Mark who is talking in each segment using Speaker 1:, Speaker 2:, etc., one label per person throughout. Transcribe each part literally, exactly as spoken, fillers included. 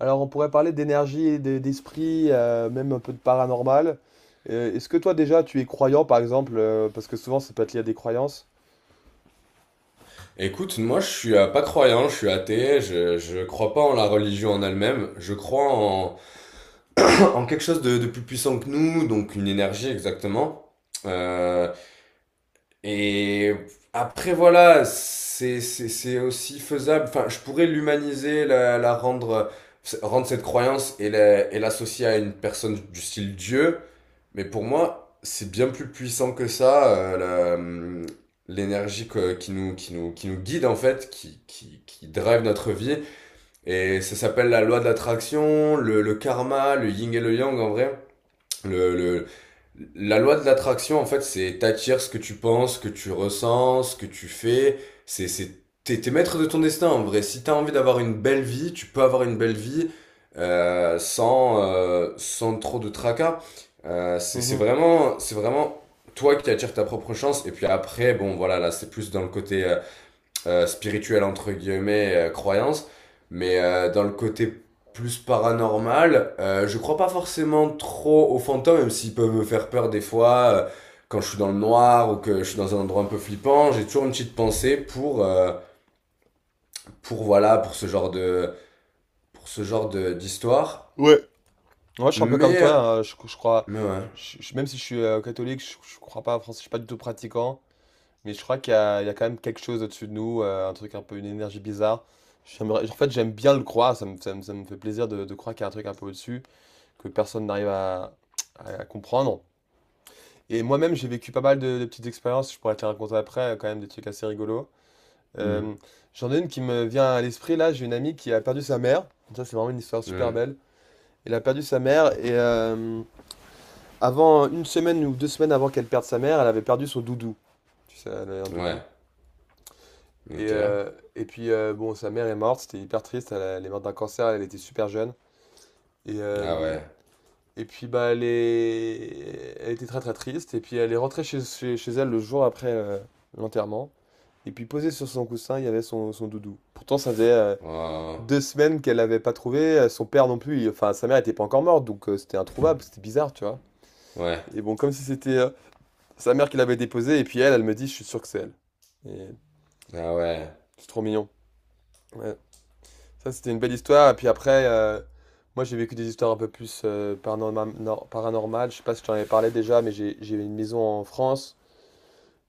Speaker 1: Alors, on pourrait parler d'énergie et d'e- d'esprit, euh, même un peu de paranormal. Euh, est-ce que toi, déjà, tu es croyant, par exemple, euh, parce que souvent, c'est pas lié à des croyances.
Speaker 2: Écoute, moi je suis euh, pas croyant, je suis athée, je, je crois pas en la religion en elle-même, je crois en, en quelque chose de, de plus puissant que nous, donc une énergie exactement. Euh, et après voilà, c'est, c'est, c'est aussi faisable, enfin je pourrais l'humaniser, la, la rendre, rendre cette croyance et la- et l'associer à une personne du style Dieu. Mais pour moi, c'est bien plus puissant que ça, euh, la, hum, l'énergie que- qui nous, qui nous, qui nous guide en fait, qui, qui, qui drive notre vie. Et ça s'appelle la loi de l'attraction, le, le karma, le yin et le yang en vrai. Le, le- la loi de l'attraction, en fait, c'est t'attires ce que tu penses, ce que tu ressens, ce que tu fais. C'est, c'est, t'es, T'es maître de ton destin, en vrai. Si t'as envie d'avoir une belle vie, tu peux avoir une belle vie euh, sans, euh, sans trop de tracas. Euh, c'est, c'est
Speaker 1: Mhm.
Speaker 2: vraiment, c'est vraiment toi qui attires ta propre chance. Et puis après, bon, voilà, là, c'est plus dans le côté euh, euh, spirituelle entre guillemets euh, croyance mais euh, dans le côté plus paranormal, euh, je crois pas forcément trop aux fantômes même s'ils peuvent me faire peur des fois, euh, quand je suis dans le noir ou que je suis dans un endroit un peu flippant, j'ai toujours une petite pensée pour, euh, pour voilà pour ce genre de pour ce genre de d'histoire
Speaker 1: Ouais, moi, je suis un peu comme
Speaker 2: mais
Speaker 1: toi, hein, je, je crois,
Speaker 2: mais ouais.
Speaker 1: je- je- même si je suis euh, catholique, je, je crois pas, français, je suis pas du tout pratiquant, mais je crois qu'il y a, il y a quand même quelque chose au-dessus de nous, euh, un truc un peu, une énergie bizarre. J'aimerais- en fait, j'aime bien le croire, ça me, ça me- ça me fait plaisir de, de croire qu'il y a un truc un peu au-dessus, que personne n'arrive à, à- à comprendre. Et moi-même, j'ai vécu pas mal de, de petites expériences, je pourrais te les raconter après, euh, quand même des trucs assez rigolos. Euh,
Speaker 2: Hmm.
Speaker 1: J'en ai une qui me vient à l'esprit, là, j'ai une amie qui a perdu sa mère, ça c'est vraiment une histoire super
Speaker 2: Hmm.
Speaker 1: belle. Elle a perdu sa mère et euh, avant, une semaine ou deux semaines avant qu'elle perde sa mère, elle avait perdu son doudou. Tu sais, elle avait un doudou.
Speaker 2: Ouais.
Speaker 1: Et,
Speaker 2: Ok.
Speaker 1: euh, et puis, euh, bon, sa mère est morte, c'était hyper triste, elle, a- elle est morte d'un cancer, elle était super jeune. Et, euh,
Speaker 2: Ah ouais.
Speaker 1: et puis, bah, elle est... elle était très très triste. Et puis, elle est rentrée chez, chez, chez elle le jour après euh, l'enterrement. Et puis posé sur son coussin, il y avait son, son doudou. Pourtant, ça faisait euh,
Speaker 2: Oh.
Speaker 1: deux semaines qu'elle l'avait pas trouvé, euh, son père non plus, il- enfin sa mère était pas encore morte, donc euh, c'était introuvable, c'était bizarre, tu vois.
Speaker 2: Ouais.
Speaker 1: Et bon, comme si c'était euh, sa mère qui l'avait déposé, et puis elle, elle me dit, je suis sûr que c'est elle. Et
Speaker 2: Ah ouais.
Speaker 1: c'est trop mignon. Ouais. Ça, c'était une belle histoire, et puis après, euh, moi j'ai vécu des histoires un peu plus euh, paranorma- nor- paranormales, je sais pas si je t'en avais parlé déjà, mais j'ai j'ai une maison en France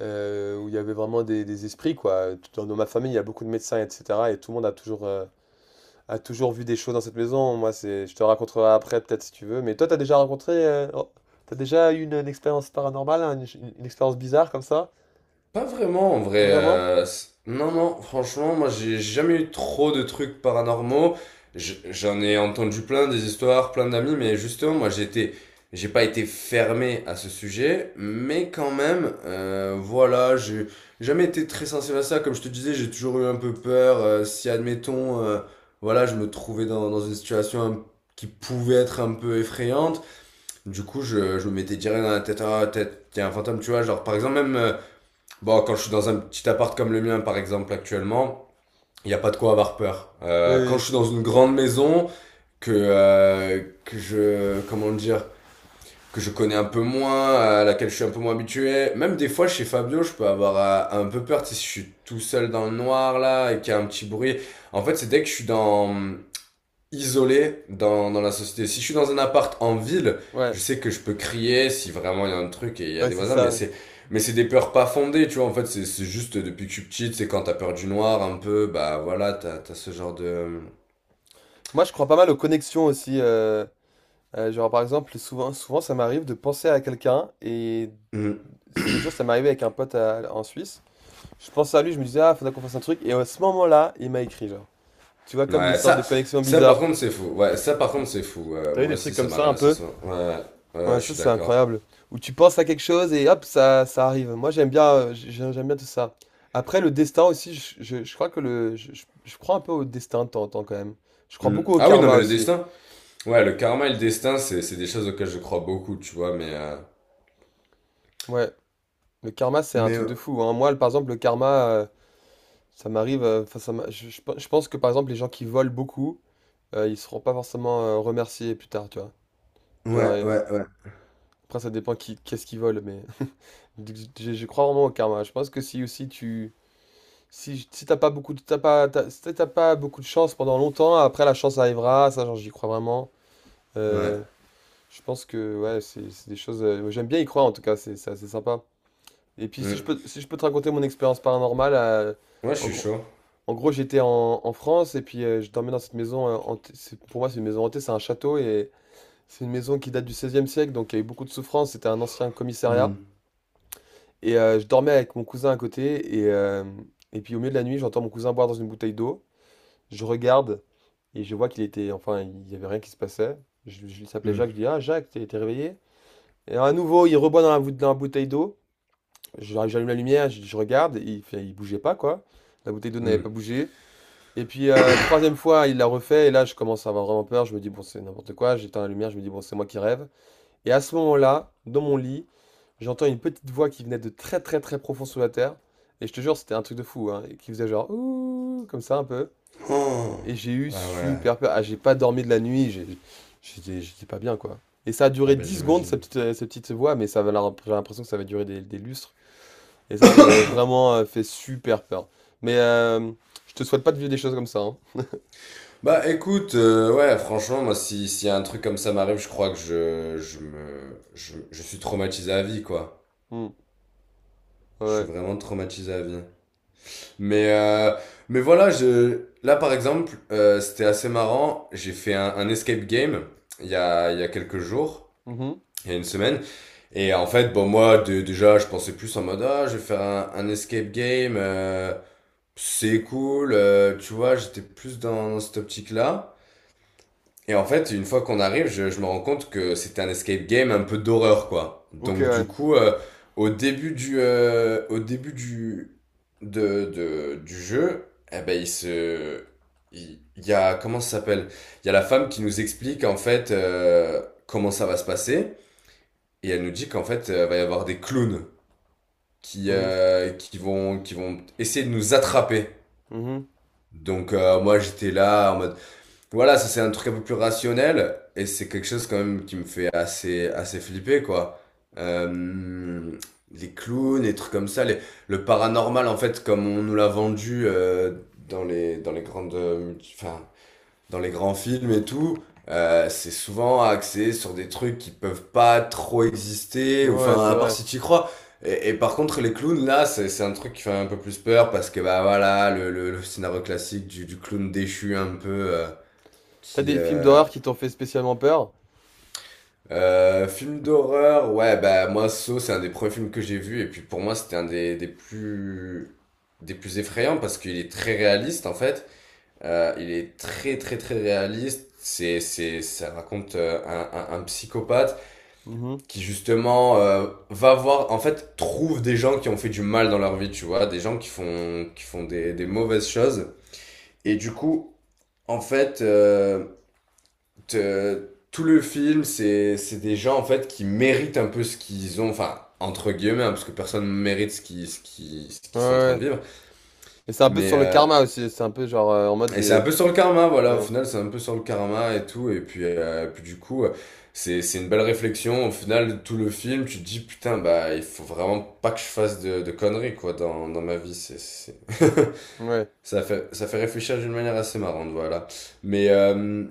Speaker 1: euh, où il y avait vraiment des, des esprits, quoi. Dans, dans ma famille, il y a beaucoup de médecins, et cetera, et tout le monde a toujours... euh, a toujours vu des choses dans cette maison. Moi, c'est, je te raconterai après, peut-être si tu veux. Mais toi, t'as déjà rencontré, euh, oh, t'as déjà eu une, une expérience paranormale, hein, une, une- une expérience bizarre comme ça?
Speaker 2: Pas vraiment en vrai.
Speaker 1: Vraiment?
Speaker 2: Euh, c- non, non, franchement, moi j'ai jamais eu trop de trucs paranormaux. Je- J'en ai entendu plein des histoires, plein d'amis, mais justement, moi j'étais, j'ai pas été fermé à ce sujet, mais quand même, euh, voilà, j'ai jamais été très sensible à ça. Comme je te disais, j'ai toujours eu un peu peur. Euh, si admettons, euh, voilà, je me trouvais dans, dans une situation un- qui pouvait être un peu effrayante, du coup, je, je me mettais direct dans la tête, ah, tête, il y a un fantôme, tu vois, genre par exemple même. euh, Bon, quand je suis dans un petit appart comme le mien, par exemple, actuellement, il n'y a pas de quoi avoir peur.
Speaker 1: Oui,
Speaker 2: Euh, quand
Speaker 1: oui,
Speaker 2: je suis dans une grande maison que euh, que je comment dire que je connais un peu moins, à laquelle je suis un peu moins habitué, même des fois chez Fabio, je peux avoir euh, un peu peur, tu sais, si je suis tout seul dans le noir là et qu'il y a un petit bruit. En fait, c'est dès que je suis dans isolé dans, dans la société. Si je suis dans un appart en ville, je
Speaker 1: ouais,
Speaker 2: sais que je peux crier si vraiment il y a un truc et il y a
Speaker 1: ouais,
Speaker 2: des
Speaker 1: c'est
Speaker 2: voisins, mais
Speaker 1: ça.
Speaker 2: c'est mais c'est des peurs pas fondées, tu vois. En fait, c'est c'est juste depuis que je suis petite, c'est quand t'as peur du noir un peu, bah voilà, t'as t'as ce genre de.
Speaker 1: Moi, je crois pas mal aux connexions aussi. Euh, euh, genre, par exemple, souvent, souvent, ça m'arrive de penser à quelqu'un. Et
Speaker 2: Mhm.
Speaker 1: l'autre jour, ça m'est arrivé avec un pote à- en Suisse. Je pensais à lui, je me disais, ah, faudrait qu'on fasse un truc. Et à ce moment-là, il m'a écrit, genre. Tu vois, comme des
Speaker 2: Ouais,
Speaker 1: sortes de
Speaker 2: ça,
Speaker 1: connexions
Speaker 2: ça par
Speaker 1: bizarres.
Speaker 2: contre c'est fou. Ouais, ça par contre c'est fou. Euh,
Speaker 1: T'as eu
Speaker 2: moi
Speaker 1: des trucs
Speaker 2: aussi ça
Speaker 1: comme
Speaker 2: m'a
Speaker 1: ça un
Speaker 2: révélé
Speaker 1: peu?
Speaker 2: ça. Ouais, ouais,
Speaker 1: Ouais,
Speaker 2: ouais, je
Speaker 1: ça
Speaker 2: suis
Speaker 1: c'est
Speaker 2: d'accord.
Speaker 1: incroyable. Où tu penses à quelque chose et hop, ça, ça arrive. Moi j'aime bien, euh, j'ai- j'aime j'aime bien tout ça. Après le destin aussi, je, je- je crois que le, je, je- je crois un peu au destin de temps en temps quand même. Je crois
Speaker 2: Mhm.
Speaker 1: beaucoup au
Speaker 2: Ah oui, non
Speaker 1: karma
Speaker 2: mais le
Speaker 1: aussi.
Speaker 2: destin. Ouais, le karma et le destin, c'est c'est des choses auxquelles je crois beaucoup, tu vois. Mais euh,
Speaker 1: Ouais, le karma c'est un
Speaker 2: mais
Speaker 1: truc
Speaker 2: euh,
Speaker 1: de fou, hein. Moi, le- par exemple, le karma, euh, ça m'arrive. Euh, enfin, ça m'a- je, je pe- je pense que par exemple les gens qui volent beaucoup, euh, ils seront pas forcément euh, remerciés plus tard, tu vois. Genre,
Speaker 2: ouais,
Speaker 1: euh,
Speaker 2: ouais, ouais,
Speaker 1: après ça dépend qui, qu'est-ce qu'ils volent, mais je je crois vraiment au karma. Je pense que si aussi tu... Si, j- si t'as pas beaucoup de, t'as pas, t'as- si t'as pas beaucoup de chance pendant longtemps, après la chance arrivera, ça genre, j'y crois vraiment.
Speaker 2: ouais.
Speaker 1: Euh, je pense que ouais, c'est c'est des choses. Euh, j'aime bien y croire en tout cas, c'est c'est assez sympa. Et puis si je
Speaker 2: Mhm.
Speaker 1: peux, si je peux te raconter mon expérience paranormale, euh,
Speaker 2: Ouais, je
Speaker 1: en
Speaker 2: suis
Speaker 1: gros,
Speaker 2: chaud.
Speaker 1: en gros j'étais en, en France et puis euh, je dormais dans cette maison euh, hantée. c'est- Pour moi c'est une maison hantée, c'est un château et c'est une maison qui date du seizième siècle, donc il y a eu beaucoup de souffrance. C'était un ancien commissariat
Speaker 2: Hmm,
Speaker 1: et euh, je dormais avec mon cousin à côté et euh, et puis au milieu de la nuit j'entends mon cousin boire dans une bouteille d'eau. Je regarde et je vois qu'il était, enfin, il y avait rien qui se passait. Je, je Il s'appelait Jacques, je
Speaker 2: hmm.
Speaker 1: dis, ah Jacques, t'es t'es réveillé? Et à nouveau, il reboit dans la, bou- dans la bouteille d'eau. Je- J'allume la lumière, je, je regarde, et il, fait- il bougeait pas, quoi. La bouteille d'eau n'avait
Speaker 2: Hmm.
Speaker 1: pas bougé. Et puis, euh, troisième fois, il l'a refait, et là, je commence à avoir vraiment peur. Je me dis, bon, c'est n'importe quoi. J'éteins la lumière, je me dis, bon, c'est moi qui rêve. Et à ce moment-là, dans mon lit, j'entends une petite voix qui venait de très, très, très profond sous la terre. Et je te jure, c'était un truc de fou, hein, et qui faisait genre, ouh, comme ça, un peu.
Speaker 2: Oh.
Speaker 1: Et j'ai eu
Speaker 2: Ah ouais.
Speaker 1: super peur. Ah, j'ai pas dormi de la nuit, j'ai- j'étais j'étais pas bien, quoi. Et ça a
Speaker 2: Ah
Speaker 1: duré
Speaker 2: bah
Speaker 1: dix secondes, cette
Speaker 2: j'imagine.
Speaker 1: petite, euh, cette petite voix, mais ça avait l'air- j'ai l'impression que ça va durer des, des lustres. Et ça, ça m'avait vraiment euh, fait super peur. Mais euh, je te souhaite pas de vivre des choses comme ça, hein.
Speaker 2: Bah écoute, euh, ouais, franchement, moi, si, si un truc comme ça m'arrive, je crois que je, je me, je, je suis traumatisé à vie, quoi.
Speaker 1: Hmm,
Speaker 2: Je suis
Speaker 1: ouais.
Speaker 2: vraiment traumatisé à vie. Mais, euh, mais voilà, je, là, par exemple, euh, c'était assez marrant. J'ai fait un, un escape game il y a, il y a quelques jours,
Speaker 1: Mhm.
Speaker 2: il y a une semaine. Et en fait, bon, moi, de- déjà, je pensais plus en mode, ah, je vais faire un, un escape game. euh, C'est cool, euh, tu vois, j'étais plus dans, dans cette optique-là. Et en fait, une fois qu'on arrive, je, je me rends compte que c'était un escape game un peu d'horreur, quoi.
Speaker 1: Ok,
Speaker 2: Donc du
Speaker 1: ouais.
Speaker 2: coup, euh, au début du, euh, au début du, de, de- du jeu, eh ben, il se, il, il y a, comment ça s'appelle? Il y a la femme qui nous explique, en fait, euh, comment ça va se passer. Et elle nous dit qu'en fait, euh, va y avoir des clowns qui,
Speaker 1: Mhm.
Speaker 2: euh, qui vont, qui vont essayer de nous attraper.
Speaker 1: Mhm.
Speaker 2: Donc euh, moi j'étais là en mode voilà, ça c'est un truc un peu plus rationnel et c'est quelque chose quand même qui me fait assez assez flipper, quoi. Euh, les clowns, les trucs comme ça, les, le paranormal en fait comme on nous l'a vendu, euh, dans les dans les grandes euh, multi- enfin dans les grands films et tout, euh, c'est souvent axé sur des trucs qui peuvent pas trop exister, ou
Speaker 1: Ouais,
Speaker 2: enfin,
Speaker 1: c'est
Speaker 2: à part
Speaker 1: vrai.
Speaker 2: si tu y crois. Et, et par contre, les clowns, là, c'est c'est un truc qui fait un peu plus peur parce que, bah voilà, le, le, le scénario classique du, du clown déchu un peu, euh,
Speaker 1: T'as
Speaker 2: qui...
Speaker 1: des films
Speaker 2: Euh...
Speaker 1: d'horreur qui t'ont fait spécialement peur?
Speaker 2: Euh, film d'horreur, ouais, bah moi, Saw, c'est un des premiers films que j'ai vu, et puis pour moi, c'était un des, des plus... des plus effrayants parce qu'il est très réaliste, en fait. Euh, il est très très très réaliste. C'est c'est Ça raconte euh, un, un, un psychopathe
Speaker 1: Mhm.
Speaker 2: qui justement, euh, va voir en fait trouve des gens qui ont fait du mal dans leur vie, tu vois, des gens qui font qui font des des mauvaises choses, et du coup, en fait, euh, te- tout le film c'est c'est des gens en fait qui méritent un peu ce qu'ils ont, enfin entre guillemets, hein, parce que personne mérite ce qui ce qui ce
Speaker 1: Ouais,
Speaker 2: qu'ils sont en train de
Speaker 1: ouais.
Speaker 2: vivre.
Speaker 1: Mais c'est un peu
Speaker 2: mais
Speaker 1: sur le
Speaker 2: euh,
Speaker 1: karma aussi, c'est un peu genre euh, en mode...
Speaker 2: Et
Speaker 1: il
Speaker 2: c'est un
Speaker 1: est-
Speaker 2: peu sur le karma, voilà, au
Speaker 1: Ouais,
Speaker 2: final, c'est un peu sur le karma et tout. Et puis, euh, puis du coup, euh, c'est, c'est une belle réflexion. Au final, tout le film, tu te dis, putain, bah, il faut vraiment pas que je fasse de, de conneries, quoi, dans, dans ma vie. C'est, c'est-
Speaker 1: ouais,
Speaker 2: Ça fait, ça fait réfléchir d'une manière assez marrante, voilà. Mais, euh,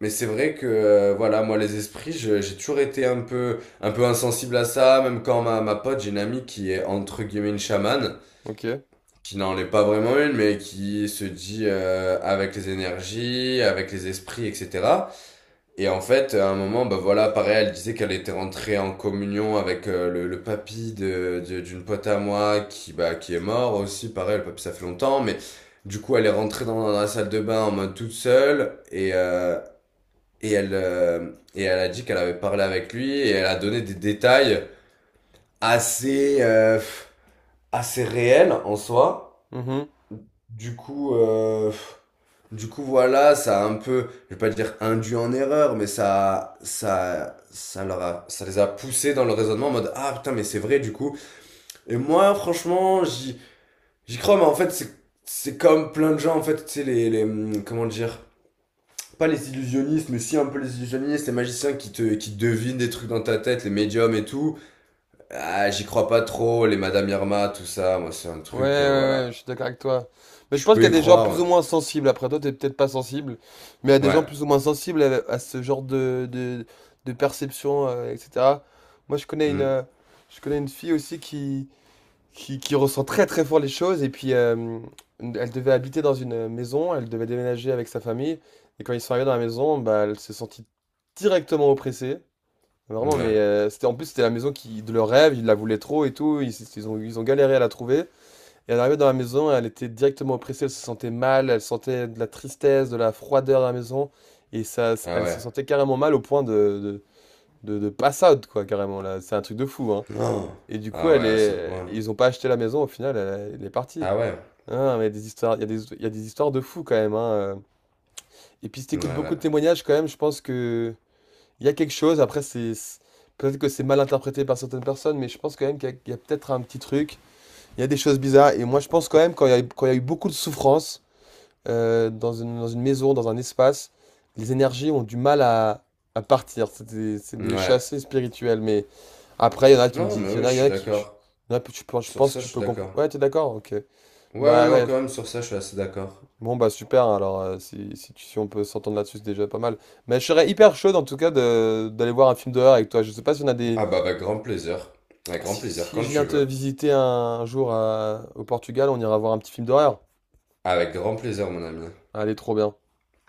Speaker 2: mais c'est vrai que, euh, voilà, moi, les esprits, je- j'ai toujours été un peu, un peu insensible à ça. Même quand ma, ma pote, j'ai une amie qui est, entre guillemets, une chamane
Speaker 1: ok.
Speaker 2: qui n'en est pas vraiment une, mais qui se dit euh, avec les énergies, avec les esprits, et cetera. Et en fait, à un moment, bah voilà, pareil, elle disait qu'elle était rentrée en communion avec euh, le, le papy de, de- d'une pote à moi qui, bah, qui est mort aussi. Pareil, le papy, ça fait longtemps, mais du coup, elle est rentrée dans, dans la salle de bain en mode toute seule et, euh, et, elle, euh, et elle a dit qu'elle avait parlé avec lui et elle a donné des détails assez, euh, assez réels en soi.
Speaker 1: Mhm.
Speaker 2: Du coup, euh, du coup, voilà, ça a un peu, je vais pas dire induit en erreur, mais ça, ça, ça leur a, ça les a poussés dans le raisonnement en mode, ah putain, mais c'est vrai, du coup. Et moi, franchement, j'y, j'y crois, mais en fait, c'est, c'est comme plein de gens, en fait, tu sais, les, les, hum, comment dire, pas les illusionnistes, mais si un peu les illusionnistes, les magiciens qui te, qui devinent des trucs dans ta tête, les médiums et tout. Ah, j'y crois pas trop, les Madame Irma, tout ça, moi, c'est un
Speaker 1: Ouais, ouais,
Speaker 2: truc, euh,
Speaker 1: ouais, je
Speaker 2: voilà.
Speaker 1: suis d'accord avec toi. Mais je
Speaker 2: Je
Speaker 1: pense qu'il y
Speaker 2: peux
Speaker 1: a
Speaker 2: y
Speaker 1: des gens plus
Speaker 2: croire,
Speaker 1: ou moins sensibles. Après, toi, t'es peut-être pas sensible, mais il y a
Speaker 2: ouais.
Speaker 1: des gens plus
Speaker 2: Ouais.
Speaker 1: ou moins sensibles à, à ce genre de, de, de perception, euh, et cetera. Moi, je connais une, euh,
Speaker 2: Hmm.
Speaker 1: je connais une fille aussi qui, qui, qui ressent très très fort les choses. Et puis, euh, elle devait habiter dans une maison, elle devait déménager avec sa famille. Et quand ils sont arrivés dans la maison, bah, elle s'est sentie directement oppressée. Vraiment, mais
Speaker 2: Ouais.
Speaker 1: euh, c'était en plus, c'était la maison qui, de leur rêve, ils la voulaient trop et tout. Ils, ils ont, ils ont galéré à la trouver. Et elle arrivait dans la maison, elle était directement oppressée, elle se sentait mal, elle sentait de la tristesse, de la froideur dans la maison, et ça,
Speaker 2: Ah
Speaker 1: elle se
Speaker 2: ouais.
Speaker 1: sentait carrément mal au point de, de, de, de pass out, quoi, carrément, là. C'est un truc de fou, hein.
Speaker 2: Non.
Speaker 1: Et du coup,
Speaker 2: Ah
Speaker 1: elle
Speaker 2: ouais, à ce
Speaker 1: est...
Speaker 2: point.
Speaker 1: ils ont pas acheté la maison, au final, elle, elle est partie.
Speaker 2: Ah ouais.
Speaker 1: Ah, mais il y a des histoires, il y a des, il y a des histoires de fou quand même, hein. euh. Et puis si
Speaker 2: Ouais,
Speaker 1: t'écoutes beaucoup
Speaker 2: ouais.
Speaker 1: de témoignages quand même, je pense que il y a quelque chose. Après, c'est c'est- Peut-être que c'est mal interprété par certaines personnes, mais je pense quand même qu'il y a, il y a peut-être un petit truc. Il y a des choses bizarres. Et moi, je pense quand même, quand il y a, eu- quand il y a eu beaucoup de souffrance euh, dans une, dans une maison, dans un espace, les énergies ont du mal à, à partir. C'est des, c'est des
Speaker 2: Ouais.
Speaker 1: chassés spirituels. Mais après, il y en a qui me
Speaker 2: Non,
Speaker 1: disent,
Speaker 2: mais
Speaker 1: il y en
Speaker 2: oui,
Speaker 1: a,
Speaker 2: je
Speaker 1: il y en
Speaker 2: suis
Speaker 1: a qui,
Speaker 2: d'accord.
Speaker 1: il y en a, tu peux- je
Speaker 2: Sur
Speaker 1: pense que
Speaker 2: ça, je
Speaker 1: tu
Speaker 2: suis
Speaker 1: peux comprendre.
Speaker 2: d'accord.
Speaker 1: Ouais, t'es d'accord? Ok.
Speaker 2: Ouais, ouais,
Speaker 1: Bah
Speaker 2: non,
Speaker 1: ouais.
Speaker 2: quand même, sur ça, je suis assez d'accord.
Speaker 1: Bon, bah super. Alors, euh, si, si, tu- si on peut s'entendre là-dessus, c'est déjà pas mal. Mais je serais hyper chaud, en tout cas, de, d'aller voir un film d'horreur avec toi. Je sais pas si on a des.
Speaker 2: Ah bah, avec grand plaisir. Avec grand
Speaker 1: Si,
Speaker 2: plaisir,
Speaker 1: si
Speaker 2: quand
Speaker 1: je
Speaker 2: tu
Speaker 1: viens te
Speaker 2: veux.
Speaker 1: visiter un, un jour à- au Portugal, on ira voir un petit film d'horreur.
Speaker 2: Avec grand plaisir, mon ami.
Speaker 1: Allez, trop bien.